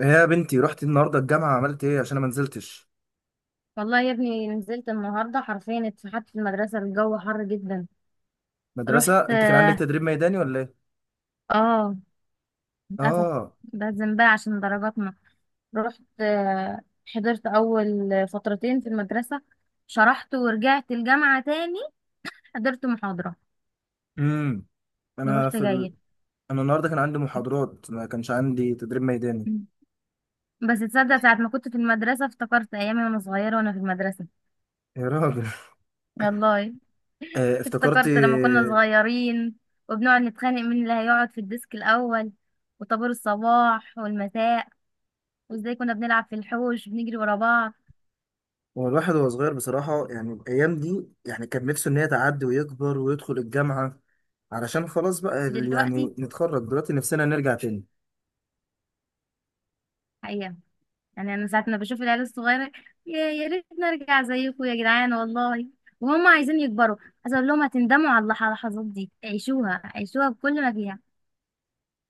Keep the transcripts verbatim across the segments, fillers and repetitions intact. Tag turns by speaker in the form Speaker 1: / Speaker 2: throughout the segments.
Speaker 1: إيه يا بنتي، رحت النهارده الجامعه؟ عملت ايه؟ عشان انا ما نزلتش
Speaker 2: والله يا ابني، نزلت النهارده حرفيا اتفحت في المدرسه، الجو حر جدا. رحت،
Speaker 1: مدرسه. انت كان عندك
Speaker 2: اه،
Speaker 1: تدريب ميداني ولا ايه؟
Speaker 2: آه، للاسف.
Speaker 1: اه.
Speaker 2: لازم بقى عشان درجاتنا. رحت، آه. حضرت اول فترتين في المدرسه، شرحت ورجعت الجامعه تاني، حضرت محاضره
Speaker 1: امم انا
Speaker 2: ورحت
Speaker 1: في
Speaker 2: جايه.
Speaker 1: ال... انا النهارده كان عندي محاضرات، ما كانش عندي تدريب ميداني.
Speaker 2: بس تصدق، ساعه ما كنت في المدرسه افتكرت ايامي وانا صغيره وانا في المدرسه.
Speaker 1: يا راجل!
Speaker 2: والله،
Speaker 1: آه، افتكرت.
Speaker 2: افتكرت لما كنا صغيرين، وبنقعد نتخانق مين اللي هيقعد في الديسك الاول، وطابور الصباح والمساء، وازاي كنا بنلعب في الحوش بنجري ورا بعض.
Speaker 1: هو الواحد وهو صغير بصراحه، يعني الايام دي، يعني كان نفسه ان هي تعدي ويكبر ويدخل الجامعه، علشان خلاص بقى ال-
Speaker 2: دلوقتي،
Speaker 1: يعني نتخرج دلوقتي، نفسنا نرجع تاني.
Speaker 2: حقيقة، يعني انا ساعة ما بشوف العيال الصغيرة، يا يا ريت نرجع زيكم يا جدعان والله. وهم عايزين يكبروا. عايز اقول لهم هتندموا على اللح- اللحظات دي، عيشوها عيشوها بكل ما فيها.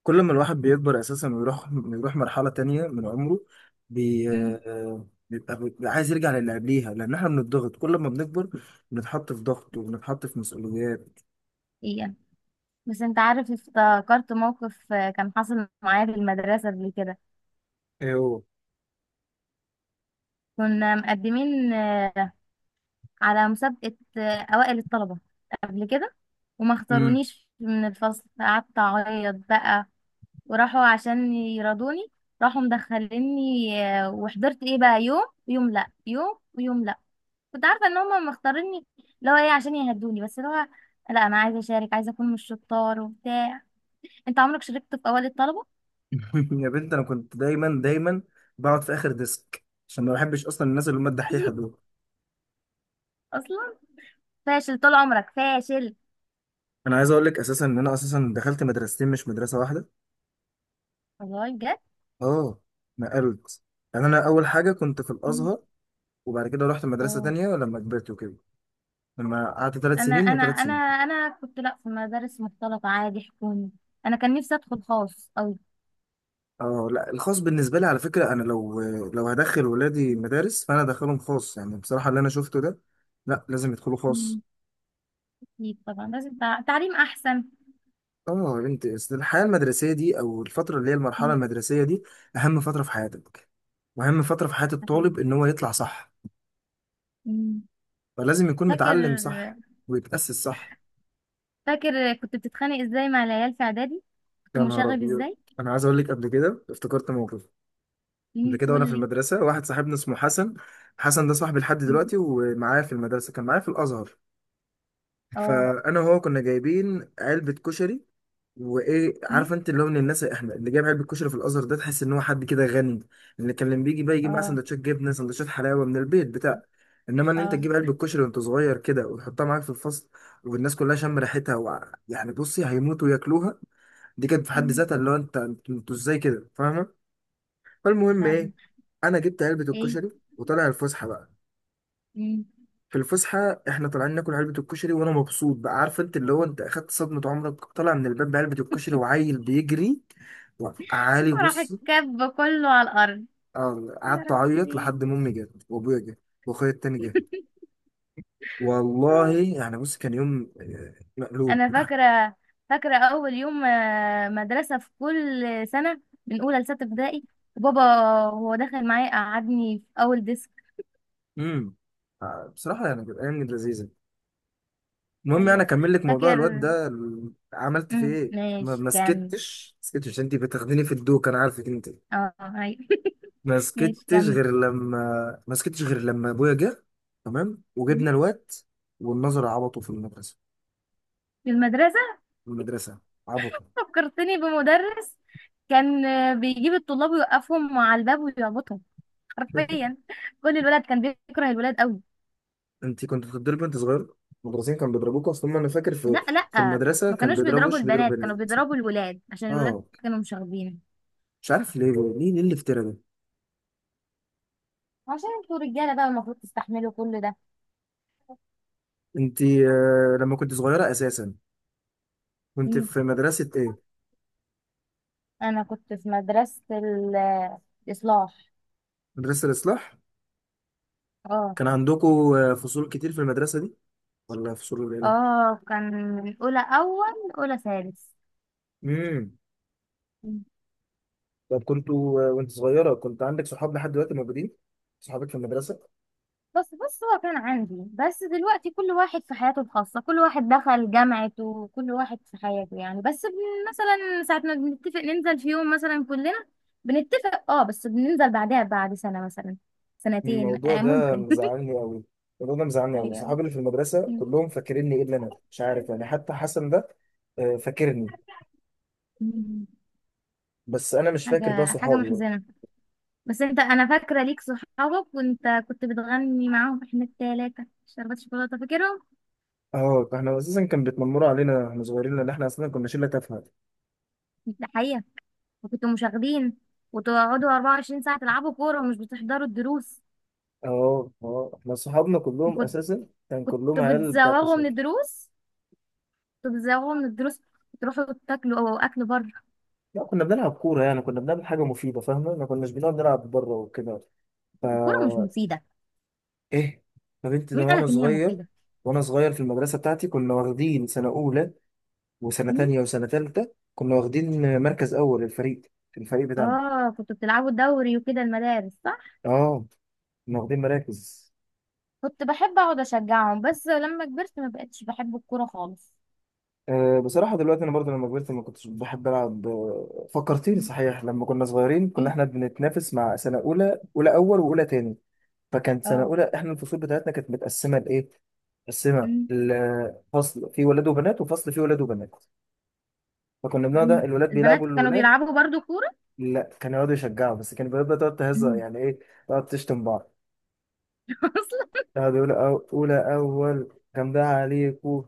Speaker 1: كل ما الواحد بيكبر اساسا ويروح يروح مرحله تانية من عمره، بي...
Speaker 2: امم.
Speaker 1: آه، بيبقى بيبقى عايز يرجع للي قبليها، لان احنا بنضغط كل ما بنكبر، بنتحط في ضغط وبنتحط في مسؤوليات.
Speaker 2: حقيقة. بس انت عارف، افتكرت موقف آه، كان حصل معايا في المدرسة قبل كده.
Speaker 1: ايوه.
Speaker 2: كنا مقدمين آه، على مسابقة آه، اوائل الطلبة قبل كده، وما
Speaker 1: امم
Speaker 2: اختارونيش من الفصل، قعدت اعيط بقى. وراحوا عشان يرضوني، راحوا مدخليني آه، وحضرت ايه بقى، يوم يوم لا، يوم ويوم لا. كنت عارفه ان هم مختاريني، اللي هو ايه، عشان يهدوني، بس اللي هو لا، انا عايزه اشارك، عايزه اكون من الشطار وبتاع. انت عمرك شاركت في اوائل الطلبه؟
Speaker 1: يا بنت، انا كنت دايما دايما بقعد في اخر ديسك، عشان ما بحبش اصلا الناس اللي هم الدحيحه دول.
Speaker 2: اصلا فاشل طول عمرك فاشل.
Speaker 1: انا عايز اقول لك اساسا ان انا اساسا دخلت مدرستين، مش مدرسه واحده.
Speaker 2: والله بجد.
Speaker 1: اه، نقلت. يعني انا اول حاجه كنت في
Speaker 2: مم.
Speaker 1: الازهر، وبعد كده رحت مدرسه
Speaker 2: اه،
Speaker 1: تانية لما كبرت وكده، لما قعدت ثلاث
Speaker 2: انا
Speaker 1: سنين
Speaker 2: انا
Speaker 1: وثلاث
Speaker 2: انا
Speaker 1: سنين.
Speaker 2: انا كنت لا في مدارس مختلطه، عادي، حكومي. انا كان نفسي ادخل خاص قوي.
Speaker 1: اه لا، الخاص بالنسبه لي على فكره، انا لو لو هدخل ولادي مدارس فانا هدخلهم خاص، يعني بصراحه اللي انا شفته ده، لا، لازم يدخلوا خاص.
Speaker 2: مم. اكيد طبعا، لازم تع- تعليم احسن.
Speaker 1: اه يا بنتي، أصل الحياه المدرسيه دي، او الفتره اللي هي المرحله المدرسيه دي، اهم فتره في حياتك، واهم فتره في حياه الطالب
Speaker 2: مم.
Speaker 1: ان هو يطلع صح،
Speaker 2: مم.
Speaker 1: فلازم يكون
Speaker 2: فاكر.
Speaker 1: متعلم صح ويتاسس صح.
Speaker 2: فاكر كنت بتتخانق ازاي مع العيال في اعدادي؟ كنت
Speaker 1: يا نهار
Speaker 2: مشاغب
Speaker 1: ابيض!
Speaker 2: ازاي؟
Speaker 1: انا عايز اقول لك قبل كده افتكرت موقف. قبل
Speaker 2: مم.
Speaker 1: كده
Speaker 2: قول
Speaker 1: وانا في
Speaker 2: لي.
Speaker 1: المدرسه، واحد صاحبنا اسمه حسن. حسن ده صاحبي لحد
Speaker 2: مم.
Speaker 1: دلوقتي، ومعايا في المدرسه كان معايا في الازهر.
Speaker 2: اه.
Speaker 1: فانا وهو كنا جايبين علبه كشري، وايه،
Speaker 2: مم.
Speaker 1: عارف انت اللي هو من الناس، احنا اللي جايب علبه كشري في الازهر ده تحس ان هو حد كده غني. اللي كان لما بيجي بقى يجيب معاه
Speaker 2: اه،
Speaker 1: سندوتشات جبنه، سندوتشات حلاوه من البيت، بتاع. انما ان انت
Speaker 2: اه.
Speaker 1: تجيب علبه كشري وانت صغير كده وتحطها معاك في الفصل، والناس كلها شم ريحتها و... يعني بصي، هيموتوا ياكلوها. دي كانت في حد
Speaker 2: مم.
Speaker 1: ذاتها اللي هو انت، انتوا انتوا ازاي كده، فاهمه؟ فالمهم
Speaker 2: فاهم.
Speaker 1: ايه؟ انا جبت علبه
Speaker 2: ايه.
Speaker 1: الكشري، وطلع الفسحه بقى.
Speaker 2: مم.
Speaker 1: في الفسحة احنا طالعين ناكل علبة الكشري وانا مبسوط بقى، عارف انت اللي هو انت اخدت صدمة عمرك! طالع من الباب بعلبة الكشري وعيل بيجري وعالي،
Speaker 2: وراح
Speaker 1: بص،
Speaker 2: الكب كله على الارض.
Speaker 1: آه،
Speaker 2: يا
Speaker 1: قعدت اعيط
Speaker 2: ربي.
Speaker 1: لحد ما امي جت وابويا جه، واخويا التاني جه. والله يعني بص، كان يوم آه، مقلوب.
Speaker 2: انا فاكره. فاكره اول يوم آه، مدرسه في كل سنه، من اولى لسته ابتدائي. وبابا وهو داخل معايا قعدني في اول ديسك.
Speaker 1: امم آه، بصراحة يعني كانت ايام لذيذة. المهم يعني
Speaker 2: ايوه.
Speaker 1: اكمل لك موضوع الواد
Speaker 2: فاكر.
Speaker 1: ده ال- عملت فيه
Speaker 2: مم.
Speaker 1: ايه. ما
Speaker 2: ماشي،
Speaker 1: ما
Speaker 2: كمل.
Speaker 1: سكتش ما سكتش انت، بتاخديني في الدوك انا، عارفك انت.
Speaker 2: اه، ايوه.
Speaker 1: ما
Speaker 2: ماشي
Speaker 1: سكتش
Speaker 2: كمل.
Speaker 1: غير لما ما سكتش غير لما ابويا جه. تمام، وجبنا الواد والنظر عبطه في المدرسه
Speaker 2: في المدرسة.
Speaker 1: في المدرسه عبطه.
Speaker 2: فكرتني بمدرس كان آه، بيجيب الطلاب ويوقفهم على الباب ويعبطهم، حرفيا. كل الولد كان بيكره الولاد قوي.
Speaker 1: انت كنت بتضربي وانت صغير؟ المدرسين كانوا بيضربوك؟ اصلا انا فاكر في
Speaker 2: لا،
Speaker 1: في
Speaker 2: لا،
Speaker 1: المدرسه
Speaker 2: ما
Speaker 1: كان
Speaker 2: كانوش
Speaker 1: بيضرب،
Speaker 2: بيضربوا
Speaker 1: وش بيضرب
Speaker 2: البنات، كانوا
Speaker 1: بنات.
Speaker 2: بيضربوا الولاد، عشان الولاد
Speaker 1: اه،
Speaker 2: كانوا مش واخدين.
Speaker 1: مش عارف ليه ليه ليه الافتراء ده.
Speaker 2: عشان انتوا رجالة بقى، المفروض تستحملوا كل ده.
Speaker 1: انت آه، لما كنت صغيره اساسا كنت
Speaker 2: مم.
Speaker 1: في مدرسه ايه؟
Speaker 2: انا كنت في مدرسة ال- الإصلاح.
Speaker 1: مدرسه الاصلاح؟
Speaker 2: اه.
Speaker 1: كان عندكم آه، فصول كتير في المدرسه دي ولا فصول قليله؟
Speaker 2: اه، كان. من أولى، أول أولى، ثالث.
Speaker 1: امم طب كنتوا وانت صغيرة كنت عندك صحاب لحد دلوقتي موجودين؟ صحابك في المدرسة؟
Speaker 2: بس، بس هو كان عندي. بس دلوقتي كل واحد في حياته الخاصة، كل واحد دخل جامعته، وكل واحد في حياته، يعني. بس بن- مثلا ساعة ما بنتفق ننزل في يوم مثلا كلنا، بنتفق، اه، بس بننزل بعدها بعد سنة مثلا، سنتين،
Speaker 1: الموضوع
Speaker 2: آه،
Speaker 1: ده
Speaker 2: ممكن.
Speaker 1: مزعلني قوي. الموضوع ده مزعلني قوي،
Speaker 2: ايوه.
Speaker 1: صحابي اللي في المدرسة كلهم فاكريني الا انا، مش عارف يعني. حتى حسن ده آه، فاكرني،
Speaker 2: مم.
Speaker 1: بس انا مش فاكر بقى
Speaker 2: حاجة حاجة
Speaker 1: صحابي بقى.
Speaker 2: محزنة. بس انت، انا فاكرة ليك صحابك وانت كنت بتغني معاهم، احنا التلاتة شربت شوكولاتة، فاكرهم؟
Speaker 1: اه، احنا اساسا كان بيتنمروا علينا احنا صغيرين، لان احنا اصلا كنا شله تافهه.
Speaker 2: ده حقيقة. وكنتوا مشاغبين، وتقعدوا اربعة وعشرين ساعة تلعبوا كورة ومش بتحضروا الدروس.
Speaker 1: اه، اه، احنا صحابنا كلهم
Speaker 2: وكنت-
Speaker 1: اساسا كان كلهم
Speaker 2: كنتوا
Speaker 1: عيال بتاعت
Speaker 2: بتزوغوا من
Speaker 1: مشاكل.
Speaker 2: الدروس، كنتوا بتزوغوا من الدروس، تروحوا تاكلوا او اكل بره.
Speaker 1: لا، كنا بنلعب كوره يعني، كنا بنعمل حاجه مفيده فاهمه، ما كناش بنقعد نلعب بره وكده. ف
Speaker 2: الكورة مش مفيدة.
Speaker 1: ايه؟ طب انت ده.
Speaker 2: مين
Speaker 1: وانا
Speaker 2: قالك ان هي
Speaker 1: صغير
Speaker 2: مفيدة؟
Speaker 1: وانا صغير في المدرسه بتاعتي كنا واخدين سنه اولى، وسنه
Speaker 2: مم؟
Speaker 1: تانية وسنه تالتة كنا واخدين مركز اول، الفريق الفريق بتاعنا،
Speaker 2: اه، كنتوا بتلعبوا دوري وكده المدارس، صح.
Speaker 1: اه، كنا واخدين مراكز.
Speaker 2: كنت بحب اقعد اشجعهم، بس لما كبرت ما بقتش بحب الكورة خالص.
Speaker 1: أه بصراحه دلوقتي انا برضه لما كبرت ما كنتش بحب العب، آه، فكرتيني
Speaker 2: مم.
Speaker 1: صحيح، لما كنا صغيرين كنا
Speaker 2: ايه.
Speaker 1: احنا بنتنافس مع سنه اولى، اولى اول واولى تاني. فكانت سنه
Speaker 2: اه.
Speaker 1: اولى احنا الفصول بتاعتنا كانت متقسمه لايه، متقسمه،
Speaker 2: مم.
Speaker 1: الفصل فيه ولاد وبنات وفصل فيه ولاد وبنات. فكنا بنقعد
Speaker 2: مم.
Speaker 1: الولاد
Speaker 2: البنات
Speaker 1: بيلعبوا
Speaker 2: كانوا
Speaker 1: الولاد،
Speaker 2: بيلعبوا برضو كورة.
Speaker 1: لا كان يقعد يشجعه بس، كان بيبقى تقعد تهزر
Speaker 2: مم.
Speaker 1: يعني ايه، تقعد تشتم بعض.
Speaker 2: اصلا.
Speaker 1: يقعد يقول أو... اولى اول كان ده عليكو،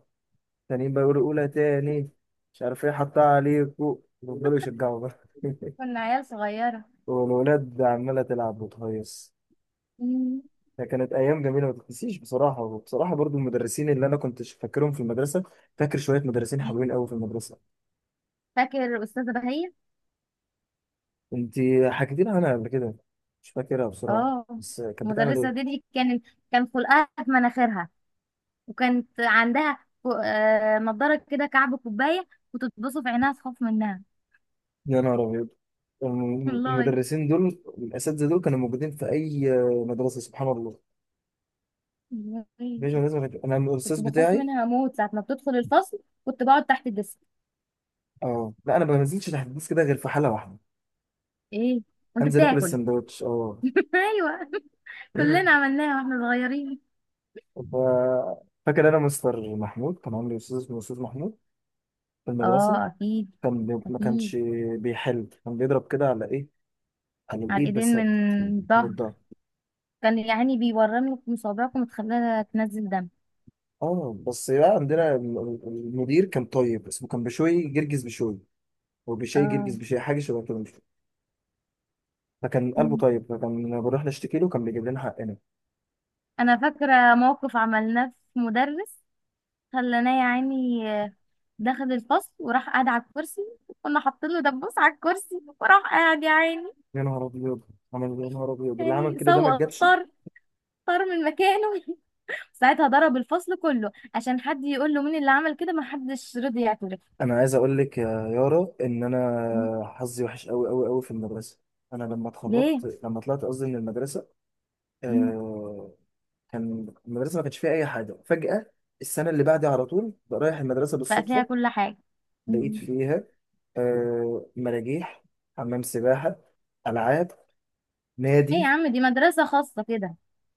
Speaker 1: تانيين بقى يقولوا اولى تاني، مش عارف ايه، حطها عليكو، يفضلوا يشجعوا بقى،
Speaker 2: كنا عيال صغيرة.
Speaker 1: والولاد عمالة تلعب وتهيص.
Speaker 2: مم.
Speaker 1: كانت ايام جميله ما تتنسيش بصراحه، وبصراحه برضو المدرسين اللي انا كنت فاكرهم في المدرسه، فاكر شويه مدرسين حلوين قوي في المدرسه.
Speaker 2: فاكر أستاذة بهية.
Speaker 1: انت حكيتي لي عنها قبل كده، مش فاكرها بصراحه
Speaker 2: اه.
Speaker 1: بس، كانت بتعمل
Speaker 2: المدرسة دي,
Speaker 1: ايه؟
Speaker 2: دي كان كان خلقها في مناخيرها. وكانت عندها كو- آه، نضارة كده، كعب كوباية. كنت تبصوا في عينها تخاف منها.
Speaker 1: يا نهار أبيض! الم-
Speaker 2: والله.
Speaker 1: المدرسين دول، الأساتذة دول كانوا موجودين في أي مدرسة، سبحان الله.
Speaker 2: والله.
Speaker 1: مفيش مدرسة ما كانت- أنا
Speaker 2: كنت
Speaker 1: الأستاذ
Speaker 2: بخاف
Speaker 1: بتاعي.
Speaker 2: منها اموت ساعة ما بتدخل الفصل. كنت بقعد تحت الديسك.
Speaker 1: أه لا، أنا ما بنزلش تحت الديسك كده غير في حالة واحدة،
Speaker 2: ايه، وانت
Speaker 1: أنزل آكل
Speaker 2: بتاكل.
Speaker 1: السندوتش أه.
Speaker 2: ايوه، كلنا عملناها واحنا صغيرين.
Speaker 1: ف... فاكر أنا مستر محمود، كان عندي أستاذ اسمه أستاذ محمود في المدرسة.
Speaker 2: اه، اكيد.
Speaker 1: كان بي- ما كانش
Speaker 2: اكيد.
Speaker 1: بيحل، كان بيضرب كده على إيه، على
Speaker 2: على
Speaker 1: الإيد بس،
Speaker 2: الايدين، من
Speaker 1: من
Speaker 2: الظهر.
Speaker 1: الضهر.
Speaker 2: كان يعني بيورم لك مصابعكم وتخليها تنزل دم.
Speaker 1: اه بس بقى عندنا الم- المدير كان طيب، اسمه كان بشوي جرجس بشوي، هو بشوي جرجس
Speaker 2: اه.
Speaker 1: بشوي حاجه شبه كده. فكان قلبه طيب، فكان لما بنروح نشتكي له كان بيجيب لنا حقنا.
Speaker 2: انا فاكره موقف عملناه في مدرس، خلاناه يا عيني. آه، دخل الفصل وراح قاعد على الكرسي، وكنا حاطين له دبوس على الكرسي، وراح قاعد يا عيني.
Speaker 1: يا نهار ابيض! عمل إيه؟ يا نهار ابيض! اللي عمل
Speaker 2: يعني
Speaker 1: كده ده ما
Speaker 2: سوق
Speaker 1: جابش.
Speaker 2: طار، طار من مكانه. ساعتها ضرب الفصل كله عشان حد يقول له مين اللي عمل كده، ما حدش رضي يعترف.
Speaker 1: انا عايز اقول لك يا يارا ان انا
Speaker 2: م.
Speaker 1: حظي وحش قوي قوي قوي في المدرسه. انا لما
Speaker 2: ليه.
Speaker 1: اتخرجت، لما طلعت قصدي من المدرسه،
Speaker 2: م.
Speaker 1: آه، كان المدرسه ما كانش فيها اي حاجه فجاه. السنه اللي بعدي على طول بقى، رايح المدرسه
Speaker 2: بقى فيها
Speaker 1: بالصدفه،
Speaker 2: كل حاجة.
Speaker 1: لقيت
Speaker 2: م.
Speaker 1: فيها آه، مراجيح، حمام سباحه، العاب،
Speaker 2: ايه يا
Speaker 1: نادي.
Speaker 2: عم، دي مدرسة خاصة كده؟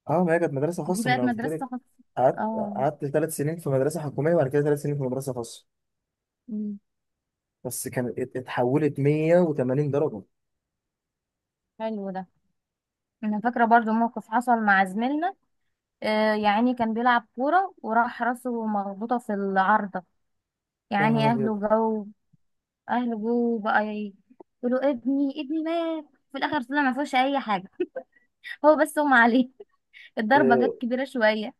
Speaker 1: اه ما هي كانت مدرسه
Speaker 2: دي
Speaker 1: خاصه من
Speaker 2: بقت
Speaker 1: قلت
Speaker 2: مدرسة
Speaker 1: لك.
Speaker 2: خاصة.
Speaker 1: قعدت
Speaker 2: اه.
Speaker 1: قعدت ثلاث سنين في مدرسه حكوميه، وبعد كده ثلاث سنين في مدرسه خاصه.
Speaker 2: م.
Speaker 1: بس كانت ات- اتحولت مية وتمانين درجه.
Speaker 2: حلو ده. انا فاكرة برضو موقف حصل مع زميلنا، آه، يعني كان بيلعب كورة وراح راسه مخبوطة في العارضة.
Speaker 1: يا
Speaker 2: يعني
Speaker 1: نهار ابيض!
Speaker 2: أهله جو، أهله جو بقى ي- يقولوا ابني، ابني مات. في الآخر طلع ما فيهوش أي حاجة، هو بس أغمى عليه. الضربة
Speaker 1: آه،
Speaker 2: جت كبيرة شوية.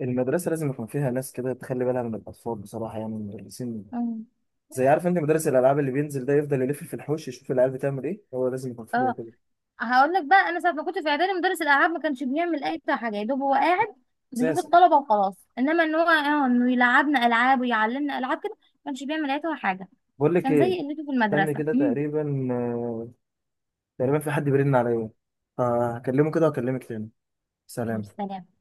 Speaker 1: المدرسه لازم يكون فيها ناس كده تخلي بالها من الاطفال بصراحه، يعني المدرسين،
Speaker 2: مم.
Speaker 1: زي عارف انت مدرس الالعاب اللي بينزل ده يفضل يلف في الحوش يشوف العيال بتعمل ايه، هو لازم يكون فيها
Speaker 2: اه،
Speaker 1: كده
Speaker 2: هقول لك بقى، أنا ساعة ما كنت في إعدادي مدرس الألعاب ما كانش بيعمل أي بتاع حاجة، يا دوب هو قاعد بيشوف
Speaker 1: اساسا.
Speaker 2: الطلبة وخلاص. إنما إن هو، آه، إنه يلعبنا ألعاب ويعلمنا ألعاب كده، ما كانش بيعمل أي حاجة.
Speaker 1: بقول لك
Speaker 2: كان
Speaker 1: ايه،
Speaker 2: زي قلته في
Speaker 1: استنى
Speaker 2: المدرسة.
Speaker 1: كده،
Speaker 2: مم.
Speaker 1: تقريبا آه، تقريبا في حد بيرن عليا، فهكلمه كده واكلمك تاني.
Speaker 2: يا
Speaker 1: سلام.
Speaker 2: سلام.